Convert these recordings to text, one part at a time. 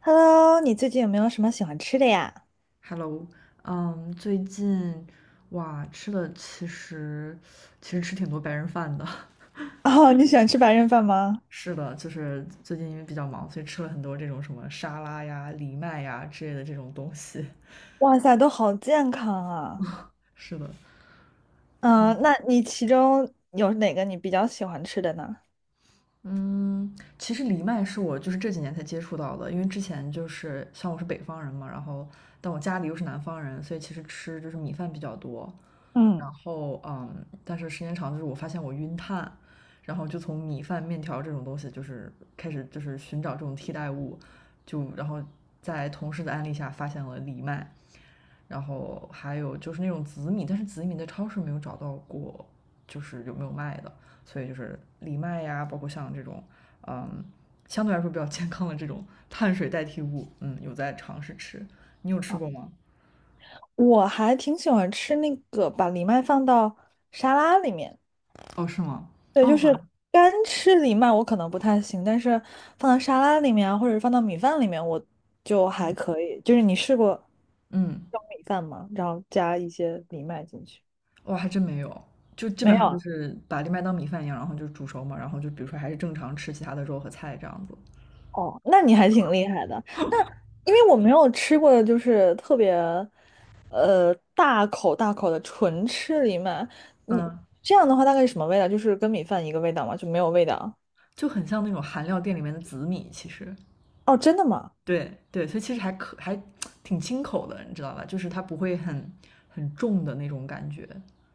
Hello，你最近有没有什么喜欢吃的呀？Hello，最近哇吃的其实吃挺多白人饭的。哦，你喜欢吃白人饭吗？是的，就是最近因为比较忙，所以吃了很多这种什么沙拉呀、藜麦呀之类的这种东西。哇塞，都好健康啊！是的，嗯、那你其中有哪个你比较喜欢吃的呢？嗯，其实藜麦是我就是这几年才接触到的，因为之前就是像我是北方人嘛，然后但我家里又是南方人，所以其实吃就是米饭比较多。嗯，然后嗯，但是时间长就是我发现我晕碳，然后就从米饭、面条这种东西就是开始就是寻找这种替代物，就然后在同事的安利下发现了藜麦，然后还有就是那种紫米，但是紫米在超市没有找到过，就是有没有卖的，所以就是藜麦呀，包括像这种嗯相对来说比较健康的这种碳水代替物，嗯，有在尝试吃。你有吃哦，过吗？我还挺喜欢吃那个把藜麦放到沙拉里面。哦，是吗？对，就是干吃藜麦我可能不太行，但是放到沙拉里面啊，或者放到米饭里面，我就还可以。就是你试过嗯。用米饭吗？然后加一些藜麦进去？哇，还真没有，就基没本上就有。是把藜麦当米饭一样，然后就煮熟嘛，然后就比如说还是正常吃其他的肉和菜这样子，哦，那你还挺厉害的。那因为我没有吃过，就是特别大口大口的纯吃藜麦，你嗯，这样的话大概是什么味道？就是跟米饭一个味道吗？就没有味道？就很像那种韩料店里面的紫米，其实，哦，真的吗？对对，所以其实还可还挺清口的，你知道吧？就是它不会很重的那种感觉。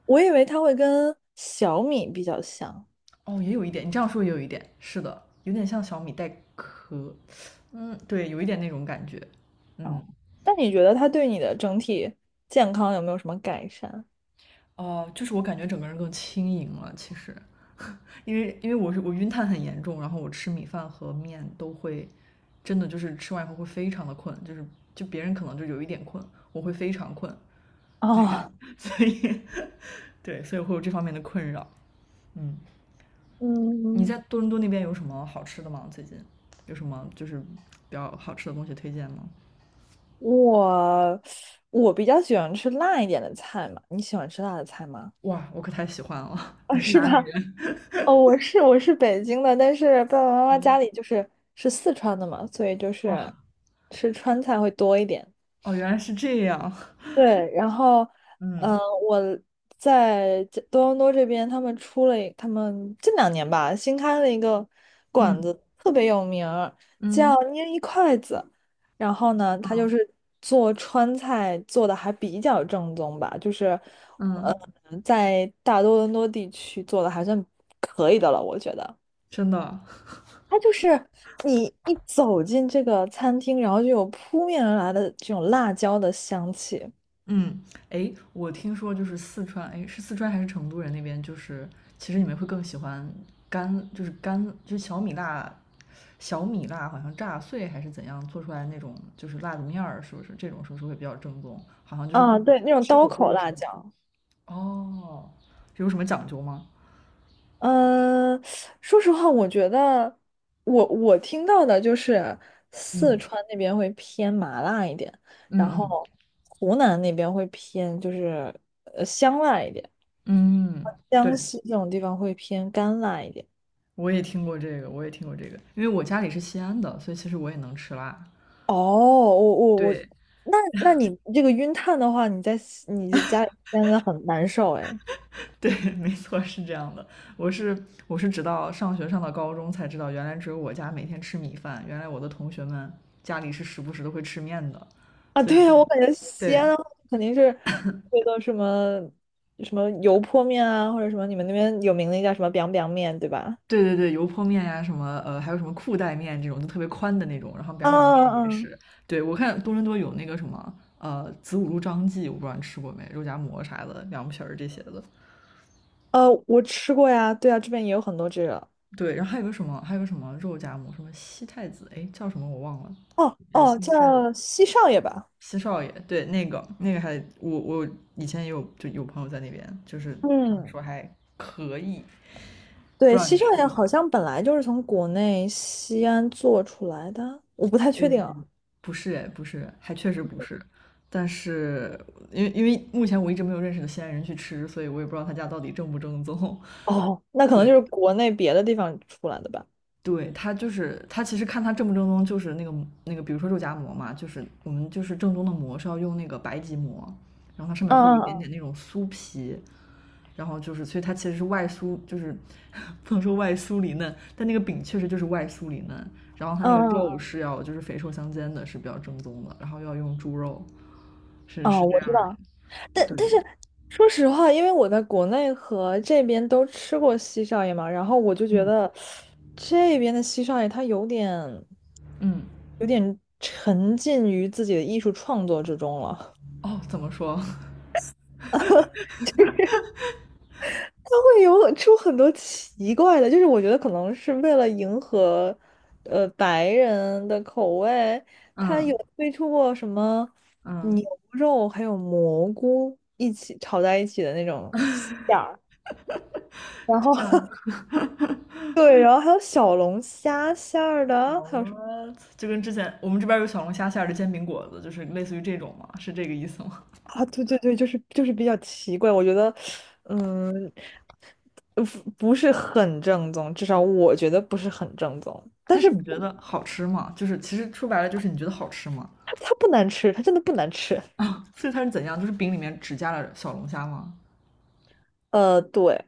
我以为它会跟小米比较像。哦，也有一点，你这样说也有一点，是的，有点像小米带壳，嗯，对，有一点那种感觉，哦，嗯，那你觉得它对你的整体健康有没有什么改善？哦、就是我感觉整个人更轻盈了，其实，因为我晕碳很严重，然后我吃米饭和面都会，真的就是吃完以后会非常的困，就是就别人可能就有一点困，我会非常困，对，哦，所以对，所以会有这方面的困扰。嗯，你嗯，在多伦多那边有什么好吃的吗？最近有什么就是比较好吃的东西推荐吗？我我比较喜欢吃辣一点的菜嘛，你喜欢吃辣的菜吗？哇，我可太喜欢了！你啊，是是哪吧？里人？哦，我是北京的，但是爸爸妈妈家嗯，里就是四川的嘛，所以就是哇，吃川菜会多一点。哦，原来是这样。对，然后，嗯、嗯，我在这多伦多这边，他们出了一他们近2年吧，新开了一个馆嗯，子，特别有名儿，叫嗯，捏一筷子。然后呢，他就嗯，是做川菜做的还比较正宗吧，就是，嗯，呃，在大多伦多地区做的还算可以的了，我觉得。真的。它就是你一走进这个餐厅，然后就有扑面而来的这种辣椒的香气。嗯，哎，我听说就是四川，哎，是四川还是成都人那边，就是其实你们会更喜欢干，就是干，就是小米辣，小米辣好像炸碎还是怎样做出来那种，就是辣子面儿，是不是？这种是不是会比较正宗？好像就是不啊，对，那种吃刀火锅口的时辣候。椒。哦，有什么讲究吗？嗯，说实话，我觉得我听到的就是四嗯，川那边会偏麻辣一点，嗯，然嗯，后湖南那边会偏就是香辣一点，嗯，江对，西这种地方会偏干辣一点。我也听过这个，我也听过这个，因为我家里是西安的，所以其实我也能吃辣。哦，我我我，对，那你这个晕碳的话，你在西你这家里真的很难受哎。对，没错，是这样的。我是直到上学上到高中才知道，原来只有我家每天吃米饭，原来我的同学们家里是时不时都会吃面的，啊，所以对这啊，我感觉西安对的话肯定是那个什么什么油泼面啊，或者什么你们那边有名的叫什么 biang biang 面，对吧？对对，油泼面呀、什么还有什么裤带面这种，就特别宽的那种，然后表啊表面啊啊！也嗯，是。对，我看多伦多有那个什么子午路张记，我不知道你吃过没，肉夹馍啥的，凉皮儿这些的。我吃过呀，对啊，这边也有很多这个。对，然后还有个什么，还有个什么肉夹馍，什么西太子，哎，叫什么我忘了，哦也是哦，新开的。叫西少爷吧。西少爷，对，那个那个还我以前也有就有朋友在那边，就是他们嗯，说还可以，不对，知道你西少吃爷过？好像本来就是从国内西安做出来的，我不太呃，确定。不是哎，不是，还确实不是。但是因为目前我一直没有认识的西安人去吃，所以我也不知道他家到底正不正宗。哦，那可能对，就是国内别的地方出来的吧。对，他就是他，其实看他正不正宗，就是那个那个，比如说肉夹馍嘛，就是我们就是正宗的馍是要用那个白吉馍，然后它上面会有一嗯点嗯点那种酥皮，然后就是，所以它其实是外酥，就是 不能说外酥里嫩，但那个饼确实就是外酥里嫩，然后它嗯那个嗯肉嗯，嗯，是要就是肥瘦相间的，是比较正宗的，然后要用猪肉，是哦，是这我样知儿道。的但对，但是说实话，因为我在国内和这边都吃过西少爷嘛，然后我就觉嗯得这边的西少爷他有点嗯，有点沉浸于自己的艺术创作之中了。哦，怎么说？它会有出很多奇怪的，就是我觉得可能是为了迎合，白人的口味，它有嗯推出过什么嗯，牛肉还有蘑菇一起炒在一起的那种馅儿，然就后 像 对，然后还有小龙虾馅儿 w 的，还有什么 h 就跟之前我们这边有小龙虾馅儿的煎饼果子，就是类似于这种嘛，是这个意思吗？啊？对对对，就是就是比较奇怪，我觉得，嗯，不是很正宗，至少我觉得不是很正宗，但但是是你觉得好吃吗？就是其实说白了就是你觉得好吃吗？它不难吃，它真的不难吃。所以它是怎样？就是饼里面只加了小龙虾吗？呃，对，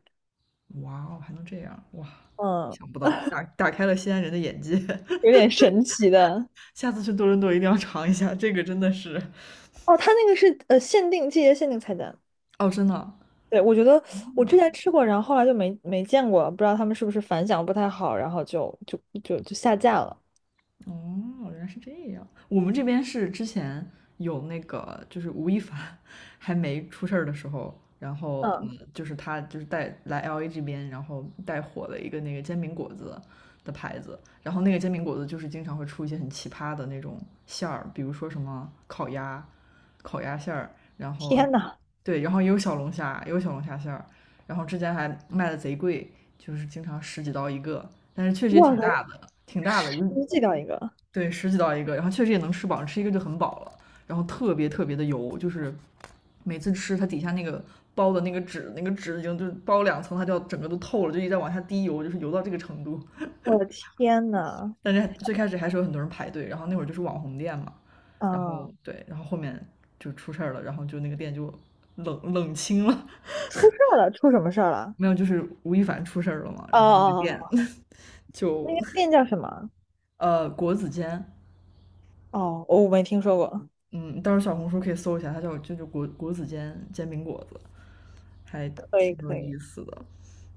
哇哦，还能这样哇！嗯，想不到，打开了西安人的眼界。有点神奇的。下次去多伦多一定要尝一下，这个真的是哦，它那个是限定季节限定菜单。哦，真的对，我觉得我之前吃过，然后后来就没见过，不知道他们是不是反响不太好，然后就下架了。哦，原来是这样。我们这边是之前有那个，就是吴亦凡还没出事儿的时候，然后嗯，就是他就是带来 LA 这边，然后带火了一个那个煎饼果子的牌子，然后那个煎饼果子就是经常会出一些很奇葩的那种馅儿，比如说什么烤鸭、烤鸭馅儿，然后天呐，对，然后也有小龙虾，也有小龙虾馅儿，然后之前还卖的贼贵，就是经常十几刀一个，但是确实也哇挺塞，大的，挺大的，又寄到一个，对，十几道一个，然后确实也能吃饱，吃一个就很饱了，然后特别特别的油，就是每次吃它底下那个包的那个纸，那个纸已经就是包两层，它就要整个都透了，就一直在往下滴油，就是油到这个程度。我的天呐，但是最开始还是有很多人排队，然后那会儿就是网红店嘛，然啊，后对，然后后面就出事儿了，然后就那个店就冷冷清了，出事儿了，出什么事儿了？没有，就是吴亦凡出事儿了嘛，哦哦然后那个哦，店 哦， 那就个店叫什么？国子监哦，我没听说过。嗯，到时候小红书可以搜一下，它叫就就果果子煎煎饼果子，还可以挺有可以，意思的。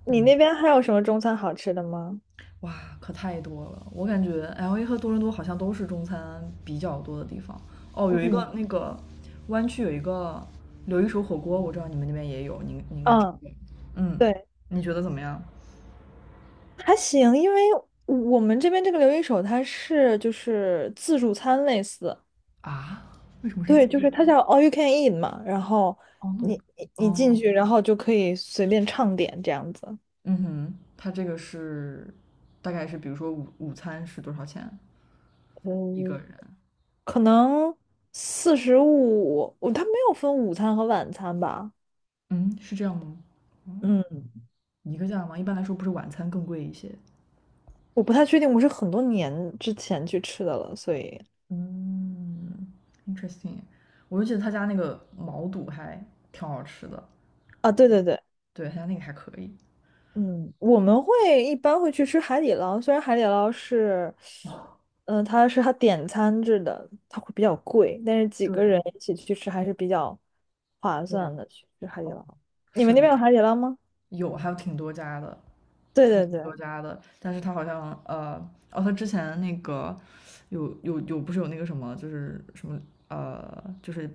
你嗯，那边还有什么中餐好吃的吗？哇，可太多了！我感觉 LA 和多伦多好像都是中餐比较多的地方。哦，有一嗯个那个湾区有一个刘一手火锅，我知道你们那边也有，你你应该吃嗯，过。嗯，对。你觉得怎么样？还行，因为我们这边这个留一手它是就是自助餐类似，啊？为什么是对，自就助是它餐？叫 all you can eat 嘛，然后哦，no，你进哦，去，然后就可以随便畅点这样子，嗯哼，它这个是大概是比如说午餐是多少钱一个嗯，人？可能45，我它没有分午餐和晚餐吧？嗯，是这样吗？嗯，一个价吗？一般来说不是晚餐更贵一些。我不太确定，我是很多年之前去吃的了，所以嗯，interesting。我就记得他家那个毛肚还挺好吃的，啊，对对对。对，他家那个还可以。嗯，我们一般会去吃海底捞，虽然海底捞是，它点餐制的，它会比较贵，但是几对个人一起去吃还是比较划对，算的。去吃海底哦，捞，你们是那的。边有海底捞吗？有，还有挺多家的，对还有对挺对，多家的。但是他好像哦，他之前那个有有有，不是有那个什么，就是什么就是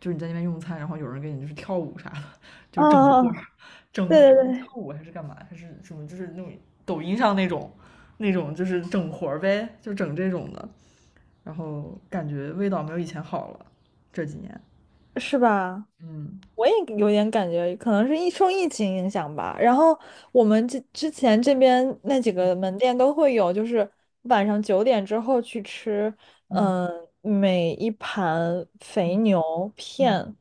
就是你在那边用餐，然后有人给你就是跳舞啥的，就啊，整活儿整对对活儿，是跳对，舞还是干嘛？还是什么？就是那种抖音上那种那种，就是整活儿呗，就整这种的。然后感觉味道没有以前好了，这几年。是吧？嗯我也有点感觉，可能是疫受疫情影响吧。然后我们这之前这边那几个门店都会有，就是晚上九点之后去吃，嗯嗯、每一盘肥嗯牛嗯，片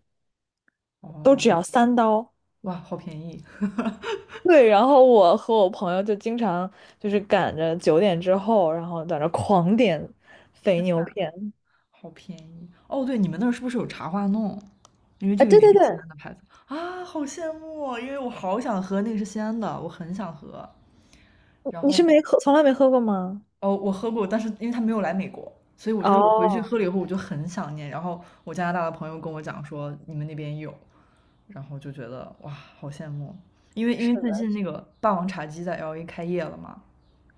都哦，只要3刀。哇，好便宜！对，然后我和我朋友就经常就是赶着九点之后，然后在那狂点肥天呐，牛片。好便宜！哦，对，你们那儿是不是有茶花弄？因为哎，这个对也对是西对，安的牌子啊，好羡慕哦因为我好想喝，那个是西安的，我很想喝。然你是后，没喝，从来没喝过吗？哦，我喝过，但是因为他没有来美国，所以我就是我回去哦，喝了以后，我就很想念。然后我加拿大的朋友跟我讲说你们那边有，然后就觉得哇，好羡慕哦。因为因是为最的。近那个霸王茶姬在 LA 开业了嘛，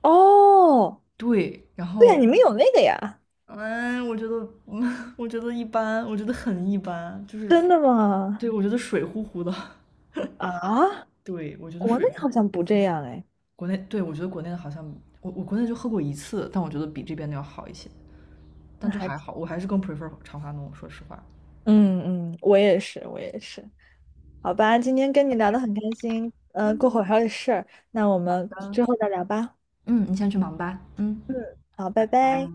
哦，对，然对呀，你后们有那个呀。嗯，我觉得，嗯，我觉得一般，我觉得很一般，就是，真的吗？对，我觉得水乎乎的。啊，对，我觉得国水，内好像不这样哎，国内，对，我觉得国内的好像，我国内就喝过一次，但我觉得比这边的要好一些，但那就还还挺。好，我还是更 prefer 长发浓，说实话。嗯嗯，我也是，我也是。好吧，今天跟你聊的很开心，过会儿还有事儿，那我们之后再聊吧。嗯，你先去忙吧。嗯。好，拜拜。